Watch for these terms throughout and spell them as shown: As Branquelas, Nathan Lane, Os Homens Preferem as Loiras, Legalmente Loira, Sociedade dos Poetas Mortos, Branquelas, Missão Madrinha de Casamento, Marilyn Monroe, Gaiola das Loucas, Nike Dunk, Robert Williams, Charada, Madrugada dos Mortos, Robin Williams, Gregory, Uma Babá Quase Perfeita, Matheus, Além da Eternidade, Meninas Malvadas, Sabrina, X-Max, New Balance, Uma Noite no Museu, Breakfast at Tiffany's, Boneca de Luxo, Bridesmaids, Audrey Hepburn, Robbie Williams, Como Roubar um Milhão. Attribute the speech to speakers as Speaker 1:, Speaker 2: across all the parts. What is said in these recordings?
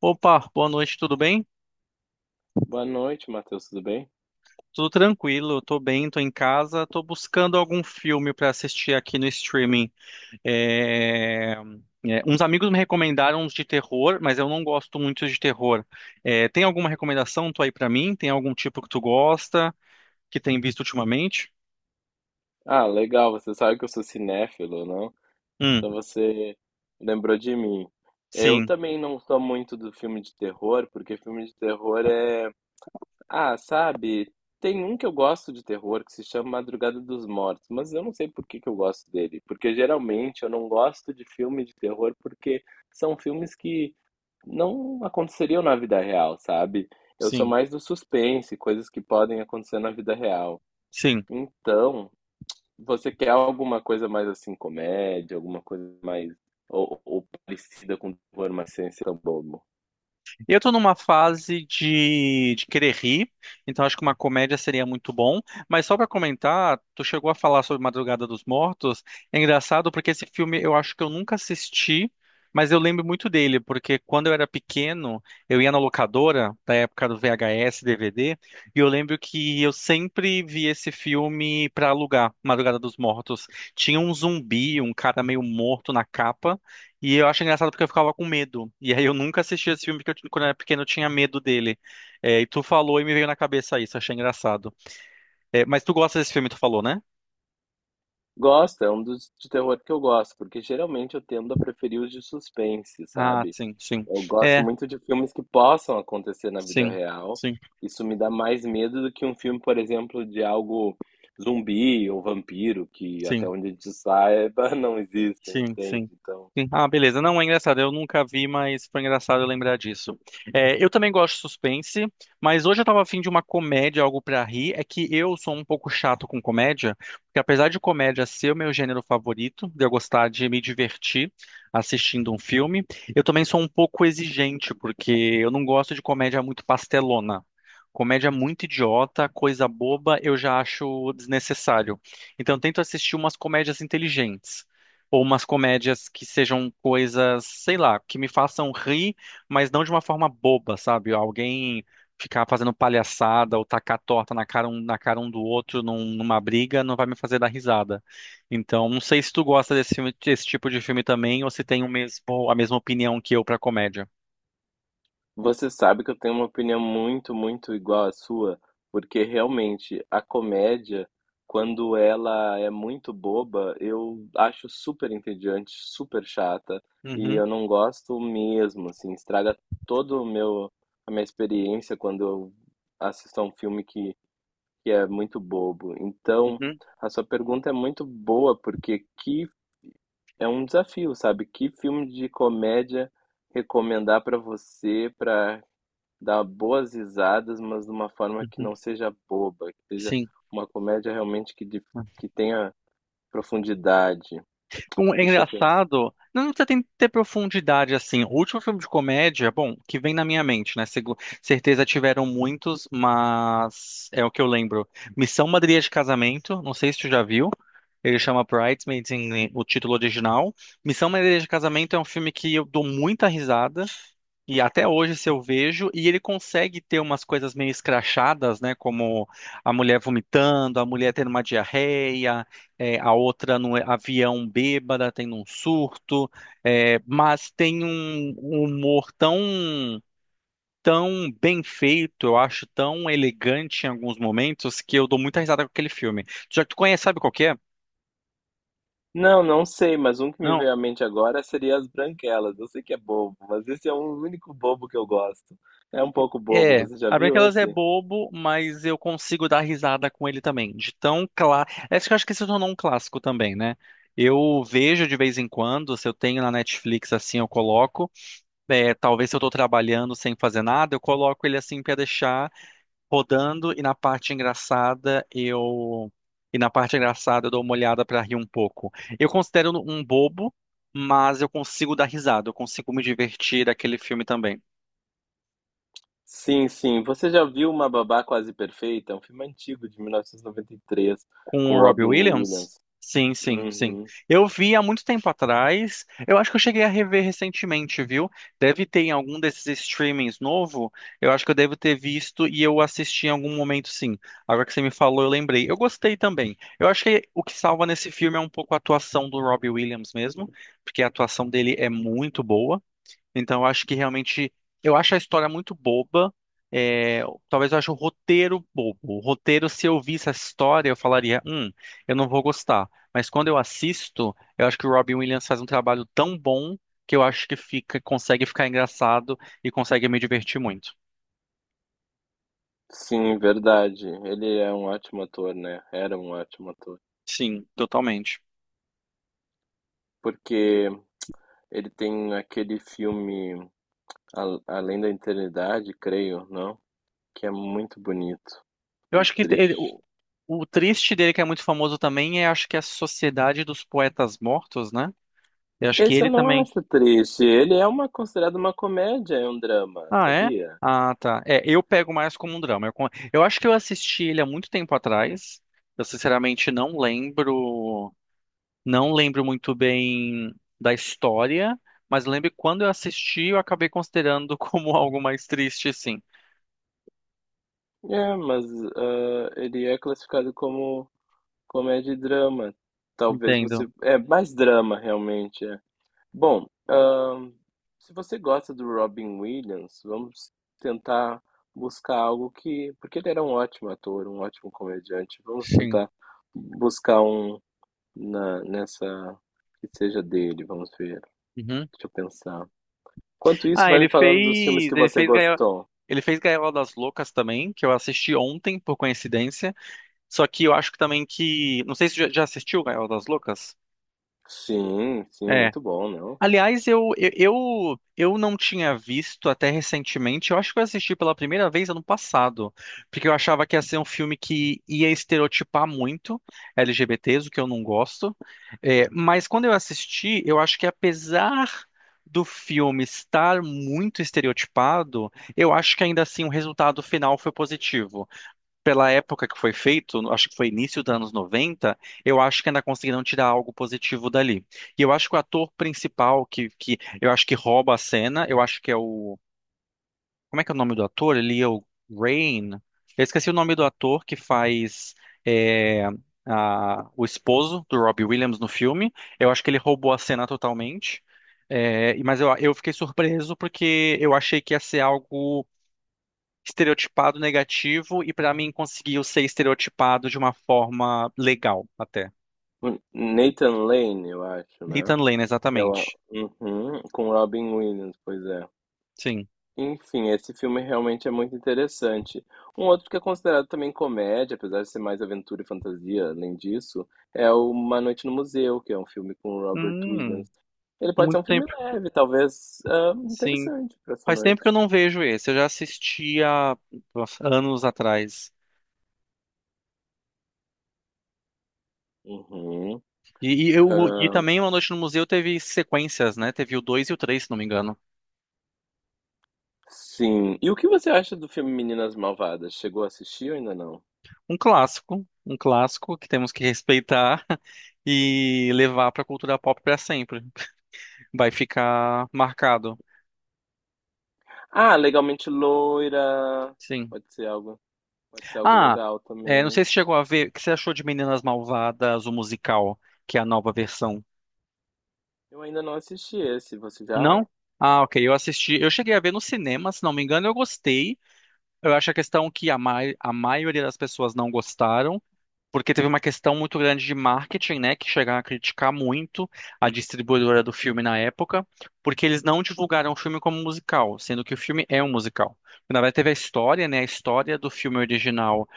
Speaker 1: Opa, boa noite, tudo bem?
Speaker 2: Boa noite, Matheus, tudo bem?
Speaker 1: Tudo tranquilo, tô bem, tô em casa, tô buscando algum filme pra assistir aqui no streaming. É, Uns amigos me recomendaram uns de terror, mas eu não gosto muito de terror. Tem alguma recomendação tu aí pra mim? Tem algum tipo que tu gosta, que tem visto ultimamente?
Speaker 2: Ah, legal, você sabe que eu sou cinéfilo, não? Então
Speaker 1: Hum,
Speaker 2: você lembrou de mim. Eu
Speaker 1: sim,
Speaker 2: também não sou muito do filme de terror, porque filme de terror é. Ah, sabe, tem um que eu gosto de terror que se chama Madrugada dos Mortos, mas eu não sei por que que eu gosto dele. Porque geralmente eu não gosto de filme de terror porque são filmes que não aconteceriam na vida real, sabe? Eu sou
Speaker 1: sim,
Speaker 2: mais do suspense, coisas que podem acontecer na vida real.
Speaker 1: sim.
Speaker 2: Então. Você quer alguma coisa mais assim, comédia, alguma coisa mais. Ou parecida com terror, mas sem ser tão bobo.
Speaker 1: Eu tô numa fase de querer rir, então acho que uma comédia seria muito bom. Mas só pra comentar, tu chegou a falar sobre Madrugada dos Mortos. É engraçado porque esse filme eu acho que eu nunca assisti, mas eu lembro muito dele, porque quando eu era pequeno, eu ia na locadora, da época do VHS, DVD, e eu lembro que eu sempre vi esse filme pra alugar, Madrugada dos Mortos. Tinha um zumbi, um cara meio morto na capa. E eu acho engraçado porque eu ficava com medo. E aí eu nunca assisti esse filme porque quando eu era pequeno eu tinha medo dele. E tu falou e me veio na cabeça isso, achei engraçado. É, mas tu gosta desse filme, tu falou, né?
Speaker 2: Gosto, é um dos de terror que eu gosto, porque geralmente eu tendo a preferir os de suspense,
Speaker 1: Ah,
Speaker 2: sabe?
Speaker 1: sim, sim.
Speaker 2: Eu gosto
Speaker 1: É,
Speaker 2: muito de filmes que possam acontecer na vida
Speaker 1: sim,
Speaker 2: real.
Speaker 1: sim,
Speaker 2: Isso me dá mais medo do que um filme, por exemplo, de algo zumbi ou vampiro, que até
Speaker 1: sim.
Speaker 2: onde a gente saiba não existem,
Speaker 1: Sim,
Speaker 2: entende?
Speaker 1: sim.
Speaker 2: Então.
Speaker 1: Sim. Ah, beleza. Não, é engraçado. Eu nunca vi, mas foi engraçado eu lembrar disso. É, eu também gosto de suspense, mas hoje eu tava afim de uma comédia, algo pra rir. É que eu sou um pouco chato com comédia, porque apesar de comédia ser o meu gênero favorito, de eu gostar de me divertir assistindo um filme, eu também sou um pouco exigente, porque eu não gosto de comédia muito pastelona. Comédia muito idiota, coisa boba, eu já acho desnecessário. Então, eu tento assistir umas comédias inteligentes. Ou umas comédias que sejam coisas, sei lá, que me façam rir, mas não de uma forma boba, sabe? Alguém ficar fazendo palhaçada ou tacar torta na cara um, numa briga não vai me fazer dar risada. Então, não sei se tu gosta desse tipo de filme também, ou se tem o mesmo, a mesma opinião que eu pra comédia.
Speaker 2: Você sabe que eu tenho uma opinião muito, muito igual à sua, porque realmente a comédia, quando ela é muito boba, eu acho super entediante, super chata, e
Speaker 1: Uhum,
Speaker 2: eu não gosto mesmo, assim, estraga todo o meu a minha experiência quando eu assisto a um filme que é muito bobo. Então,
Speaker 1: uhum,
Speaker 2: a sua pergunta é muito boa, porque que é um desafio, sabe? Que filme de comédia recomendar para você para dar boas risadas, mas de uma forma que
Speaker 1: uhum.
Speaker 2: não seja boba, que seja
Speaker 1: Sim.
Speaker 2: uma comédia realmente que tenha profundidade.
Speaker 1: É
Speaker 2: Deixa eu pensar.
Speaker 1: engraçado. Não precisa ter profundidade assim. O último filme de comédia, bom, que vem na minha mente, né? Certeza tiveram muitos, mas é o que eu lembro. Missão Madrinha de Casamento, não sei se tu já viu. Ele chama Bridesmaids em o título original. Missão Madrinha de Casamento é um filme que eu dou muita risada. E até hoje, se eu vejo, e ele consegue ter umas coisas meio escrachadas, né? Como a mulher vomitando, a mulher tendo uma diarreia, a outra no avião bêbada, tendo um surto, mas tem um humor tão bem feito, eu acho tão elegante em alguns momentos, que eu dou muita risada com aquele filme. Já que tu conhece, sabe qual que é?
Speaker 2: Não, não sei, mas um que me
Speaker 1: Não,
Speaker 2: veio à mente agora seria As Branquelas. Eu sei que é bobo, mas esse é o único bobo que eu gosto. É um pouco bobo,
Speaker 1: é,
Speaker 2: você já
Speaker 1: a
Speaker 2: viu
Speaker 1: Branquelas é
Speaker 2: esse?
Speaker 1: bobo, mas eu consigo dar risada com ele também. De tão claro. Acho que se tornou um clássico também, né? Eu vejo de vez em quando, se eu tenho na Netflix assim, eu coloco. É, talvez se eu tô trabalhando sem fazer nada, eu coloco ele assim pra deixar rodando e na parte engraçada eu e na parte engraçada eu dou uma olhada pra rir um pouco. Eu considero um bobo, mas eu consigo dar risada, eu consigo me divertir daquele filme também.
Speaker 2: Sim, sim. Você já viu Uma Babá Quase Perfeita? É um filme antigo, de 1993,
Speaker 1: Com
Speaker 2: com
Speaker 1: o Robbie
Speaker 2: Robin
Speaker 1: Williams?
Speaker 2: Williams.
Speaker 1: Sim, sim, sim.
Speaker 2: Uhum.
Speaker 1: Eu vi há muito tempo atrás. Eu acho que eu cheguei a rever recentemente, viu? Deve ter em algum desses streamings novo. Eu acho que eu devo ter visto e eu assisti em algum momento, sim. Agora que você me falou, eu lembrei. Eu gostei também. Eu acho que o que salva nesse filme é um pouco a atuação do Robbie Williams mesmo, porque a atuação dele é muito boa. Então, eu acho que realmente. Eu acho a história muito boba. É, talvez eu ache o roteiro bobo. O roteiro, se eu visse essa história, eu falaria: eu não vou gostar. Mas quando eu assisto, eu acho que o Robin Williams faz um trabalho tão bom que eu acho que fica, consegue ficar engraçado e consegue me divertir muito.
Speaker 2: Sim, verdade. Ele é um ótimo ator, né? Era um ótimo ator.
Speaker 1: Sim, totalmente.
Speaker 2: Porque ele tem aquele filme Além da Eternidade, creio, não? Que é muito bonito,
Speaker 1: Eu
Speaker 2: muito
Speaker 1: acho que
Speaker 2: triste.
Speaker 1: o triste dele, que é muito famoso também, é acho que é a Sociedade dos Poetas Mortos, né? Eu acho que
Speaker 2: Esse
Speaker 1: ele
Speaker 2: eu não
Speaker 1: também.
Speaker 2: acho triste. Ele é uma considerado uma comédia, é um drama,
Speaker 1: Ah, é?
Speaker 2: sabia?
Speaker 1: Ah, tá. É, eu pego mais como um drama. Eu acho que eu assisti ele há muito tempo atrás. Eu sinceramente não lembro, não lembro muito bem da história, mas lembro que quando eu assisti, eu acabei considerando como algo mais triste, sim.
Speaker 2: É, mas ele é classificado como comédia e drama. Talvez você.
Speaker 1: Entendo.
Speaker 2: É mais drama, realmente. É. Bom, se você gosta do Robin Williams, vamos tentar buscar algo que porque ele era um ótimo ator, um ótimo comediante. Vamos
Speaker 1: Sim.
Speaker 2: tentar buscar um na nessa que seja dele, vamos ver.
Speaker 1: Uhum.
Speaker 2: Deixa eu pensar. Enquanto isso,
Speaker 1: Ah,
Speaker 2: vai me falando dos filmes que
Speaker 1: ele
Speaker 2: você
Speaker 1: fez
Speaker 2: gostou.
Speaker 1: ele fez Gaiola das Loucas também, que eu assisti ontem por coincidência. Só que eu acho que também que, não sei se já assistiu Gaiola das Loucas.
Speaker 2: Sim, sim,
Speaker 1: É.
Speaker 2: muito bom, não?
Speaker 1: Aliás, eu não tinha visto até recentemente. Eu acho que eu assisti pela primeira vez ano passado, porque eu achava que ia ser um filme que ia estereotipar muito LGBTs, o que eu não gosto. É, mas quando eu assisti, eu acho que apesar do filme estar muito estereotipado, eu acho que ainda assim o resultado final foi positivo pela época que foi feito, acho que foi início dos anos 90, eu acho que ainda conseguiram tirar algo positivo dali. E eu acho que o ator principal que eu acho que rouba a cena, eu acho que é o. Como é que é o nome do ator? Ele é o Rain. Eu esqueci o nome do ator que faz é, o esposo do Robbie Williams no filme. Eu acho que ele roubou a cena totalmente. Mas eu fiquei surpreso porque eu achei que ia ser algo estereotipado negativo e pra mim conseguiu ser estereotipado de uma forma legal até.
Speaker 2: Nathan Lane, eu acho, né?
Speaker 1: Nathan Lane,
Speaker 2: É o,
Speaker 1: exatamente.
Speaker 2: uhum, com Robin Williams, pois é.
Speaker 1: Sim.
Speaker 2: Enfim, esse filme realmente é muito interessante. Um outro que é considerado também comédia, apesar de ser mais aventura e fantasia, além disso, é o Uma Noite no Museu, que é um filme com o Robert
Speaker 1: Hum,
Speaker 2: Williams. Ele pode ser
Speaker 1: muito
Speaker 2: um filme
Speaker 1: tempo.
Speaker 2: leve, talvez
Speaker 1: Sim.
Speaker 2: interessante para essa
Speaker 1: Faz tempo que eu
Speaker 2: noite.
Speaker 1: não vejo esse. Eu já assisti há nossa, anos atrás.
Speaker 2: Uhum.
Speaker 1: E, e eu, e
Speaker 2: Ah,
Speaker 1: também Uma Noite no Museu teve sequências, né? Teve o 2 e o 3, se não me engano.
Speaker 2: sim. E o que você acha do filme Meninas Malvadas? Chegou a assistir ou ainda não?
Speaker 1: Um clássico que temos que respeitar e levar pra cultura pop pra sempre. Vai ficar marcado.
Speaker 2: Ah, Legalmente Loira.
Speaker 1: Sim.
Speaker 2: Pode ser algo, pode ser algo
Speaker 1: Ah,
Speaker 2: legal
Speaker 1: é, não sei
Speaker 2: também.
Speaker 1: se chegou a ver. O que você achou de Meninas Malvadas, o musical, que é a nova versão?
Speaker 2: Eu ainda não assisti esse, você já?
Speaker 1: Não? Ah, ok. Eu assisti. Eu cheguei a ver no cinema, se não me engano, eu gostei. Eu acho a questão a maioria das pessoas não gostaram, porque teve uma questão muito grande de marketing, né, que chegaram a criticar muito a distribuidora do filme na época, porque eles não divulgaram o filme como musical, sendo que o filme é um musical. Na verdade, teve a história, né, a história do filme original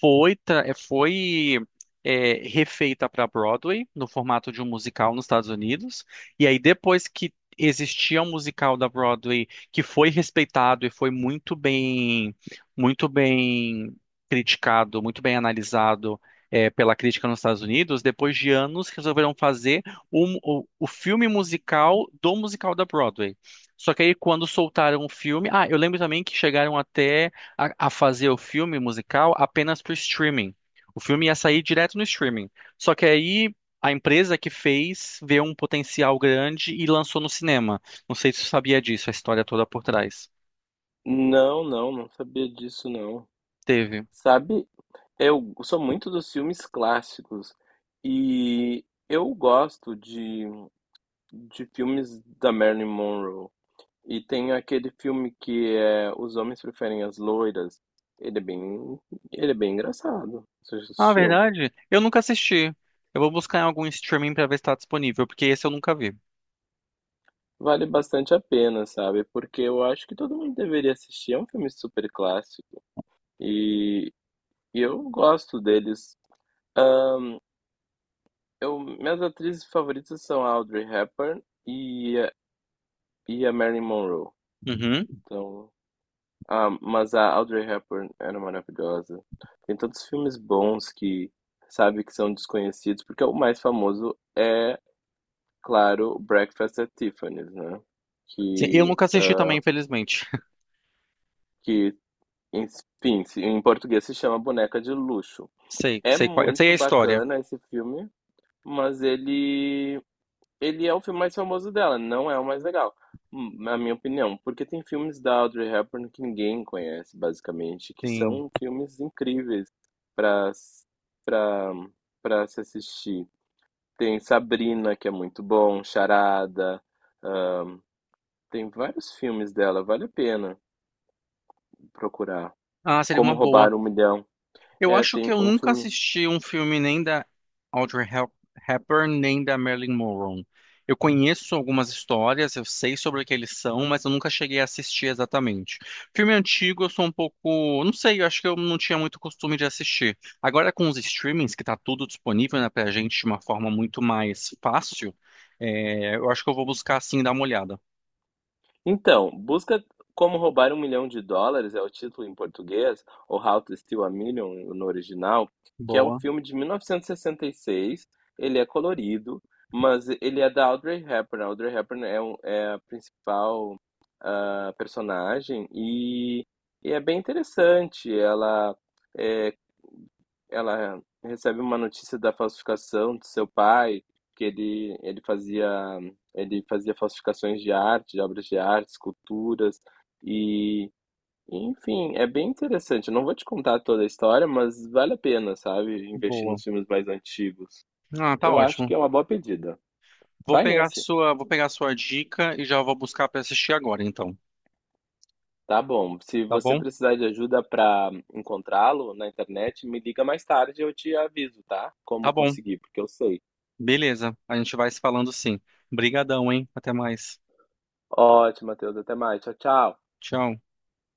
Speaker 1: foi refeita para Broadway no formato de um musical nos Estados Unidos, e aí depois que existia um musical da Broadway que foi respeitado e foi muito bem criticado, muito bem analisado pela crítica nos Estados Unidos, depois de anos resolveram fazer o filme musical do musical da Broadway. Só que aí quando soltaram o filme, ah, eu lembro também que chegaram até a fazer o filme musical apenas para streaming. O filme ia sair direto no streaming. Só que aí a empresa que fez vê um potencial grande e lançou no cinema. Não sei se você sabia disso, a história toda por trás.
Speaker 2: Não, não, não sabia disso não.
Speaker 1: Teve.
Speaker 2: Sabe, eu sou muito dos filmes clássicos e eu gosto de filmes da Marilyn Monroe. E tem aquele filme que é Os Homens Preferem as Loiras. Ele é bem, ele é bem engraçado. Você já
Speaker 1: Ah,
Speaker 2: assistiu?
Speaker 1: verdade? Eu nunca assisti. Eu vou buscar em algum streaming pra ver se tá disponível, porque esse eu nunca vi.
Speaker 2: Vale bastante a pena, sabe? Porque eu acho que todo mundo deveria assistir. É um filme super clássico e, e eu gosto deles. Ah, minhas atrizes favoritas são a Audrey Hepburn e a Marilyn Monroe.
Speaker 1: Uhum.
Speaker 2: Então, mas a Audrey Hepburn era maravilhosa. Tem tantos filmes bons que sabe que são desconhecidos, porque o mais famoso é, claro, Breakfast at Tiffany's, né?
Speaker 1: Sim, eu
Speaker 2: Que,
Speaker 1: nunca assisti também,
Speaker 2: ah,
Speaker 1: infelizmente.
Speaker 2: que enfim, em português se chama Boneca de Luxo. É
Speaker 1: Sei qual, eu sei
Speaker 2: muito
Speaker 1: a história.
Speaker 2: bacana esse filme, mas ele é o filme mais famoso dela, não é o mais legal, na minha opinião, porque tem filmes da Audrey Hepburn que ninguém conhece, basicamente, que
Speaker 1: Sim.
Speaker 2: são filmes incríveis para para se assistir. Tem Sabrina, que é muito bom, Charada, ah, tem vários filmes dela, vale a pena procurar.
Speaker 1: Ah, seria
Speaker 2: Como
Speaker 1: uma boa.
Speaker 2: Roubar um Milhão.
Speaker 1: Eu
Speaker 2: É,
Speaker 1: acho que
Speaker 2: tem
Speaker 1: eu
Speaker 2: um
Speaker 1: nunca
Speaker 2: filme
Speaker 1: assisti um filme nem da Audrey Hep- Hepburn, nem da Marilyn Monroe. Eu conheço algumas histórias, eu sei sobre o que eles são, mas eu nunca cheguei a assistir exatamente. Filme antigo, eu sou um pouco, não sei, eu acho que eu não tinha muito costume de assistir. Agora com os streamings, que tá tudo disponível, né, pra gente de uma forma muito mais fácil, eu acho que eu vou buscar assim dar uma olhada.
Speaker 2: então, busca como roubar um milhão de dólares é o título em português, ou How to Steal a Million no original, que é um
Speaker 1: Boa,
Speaker 2: filme de mil novecentos e sessenta e seis. Ele é colorido, mas ele é da Audrey Hepburn. A Audrey Hepburn é a principal personagem e é bem interessante. É, ela recebe uma notícia da falsificação do seu pai, que ele fazia falsificações de arte, de obras de arte, esculturas e, enfim, é bem interessante. Eu não vou te contar toda a história, mas vale a pena, sabe? Investir
Speaker 1: Boa.
Speaker 2: nos filmes mais antigos.
Speaker 1: Ah, tá
Speaker 2: Eu acho
Speaker 1: ótimo.
Speaker 2: que é uma boa pedida. Vai nesse.
Speaker 1: Vou pegar a sua dica e já vou buscar pra assistir agora, então.
Speaker 2: Tá bom. Se
Speaker 1: Tá
Speaker 2: você
Speaker 1: bom?
Speaker 2: precisar de ajuda para encontrá-lo na internet, me liga mais tarde e eu te aviso, tá?
Speaker 1: Tá
Speaker 2: Como
Speaker 1: bom.
Speaker 2: conseguir, porque eu sei.
Speaker 1: Beleza. A gente vai se falando sim. Brigadão, hein? Até mais.
Speaker 2: Ótimo, Matheus. Até mais. Tchau, tchau.
Speaker 1: Tchau.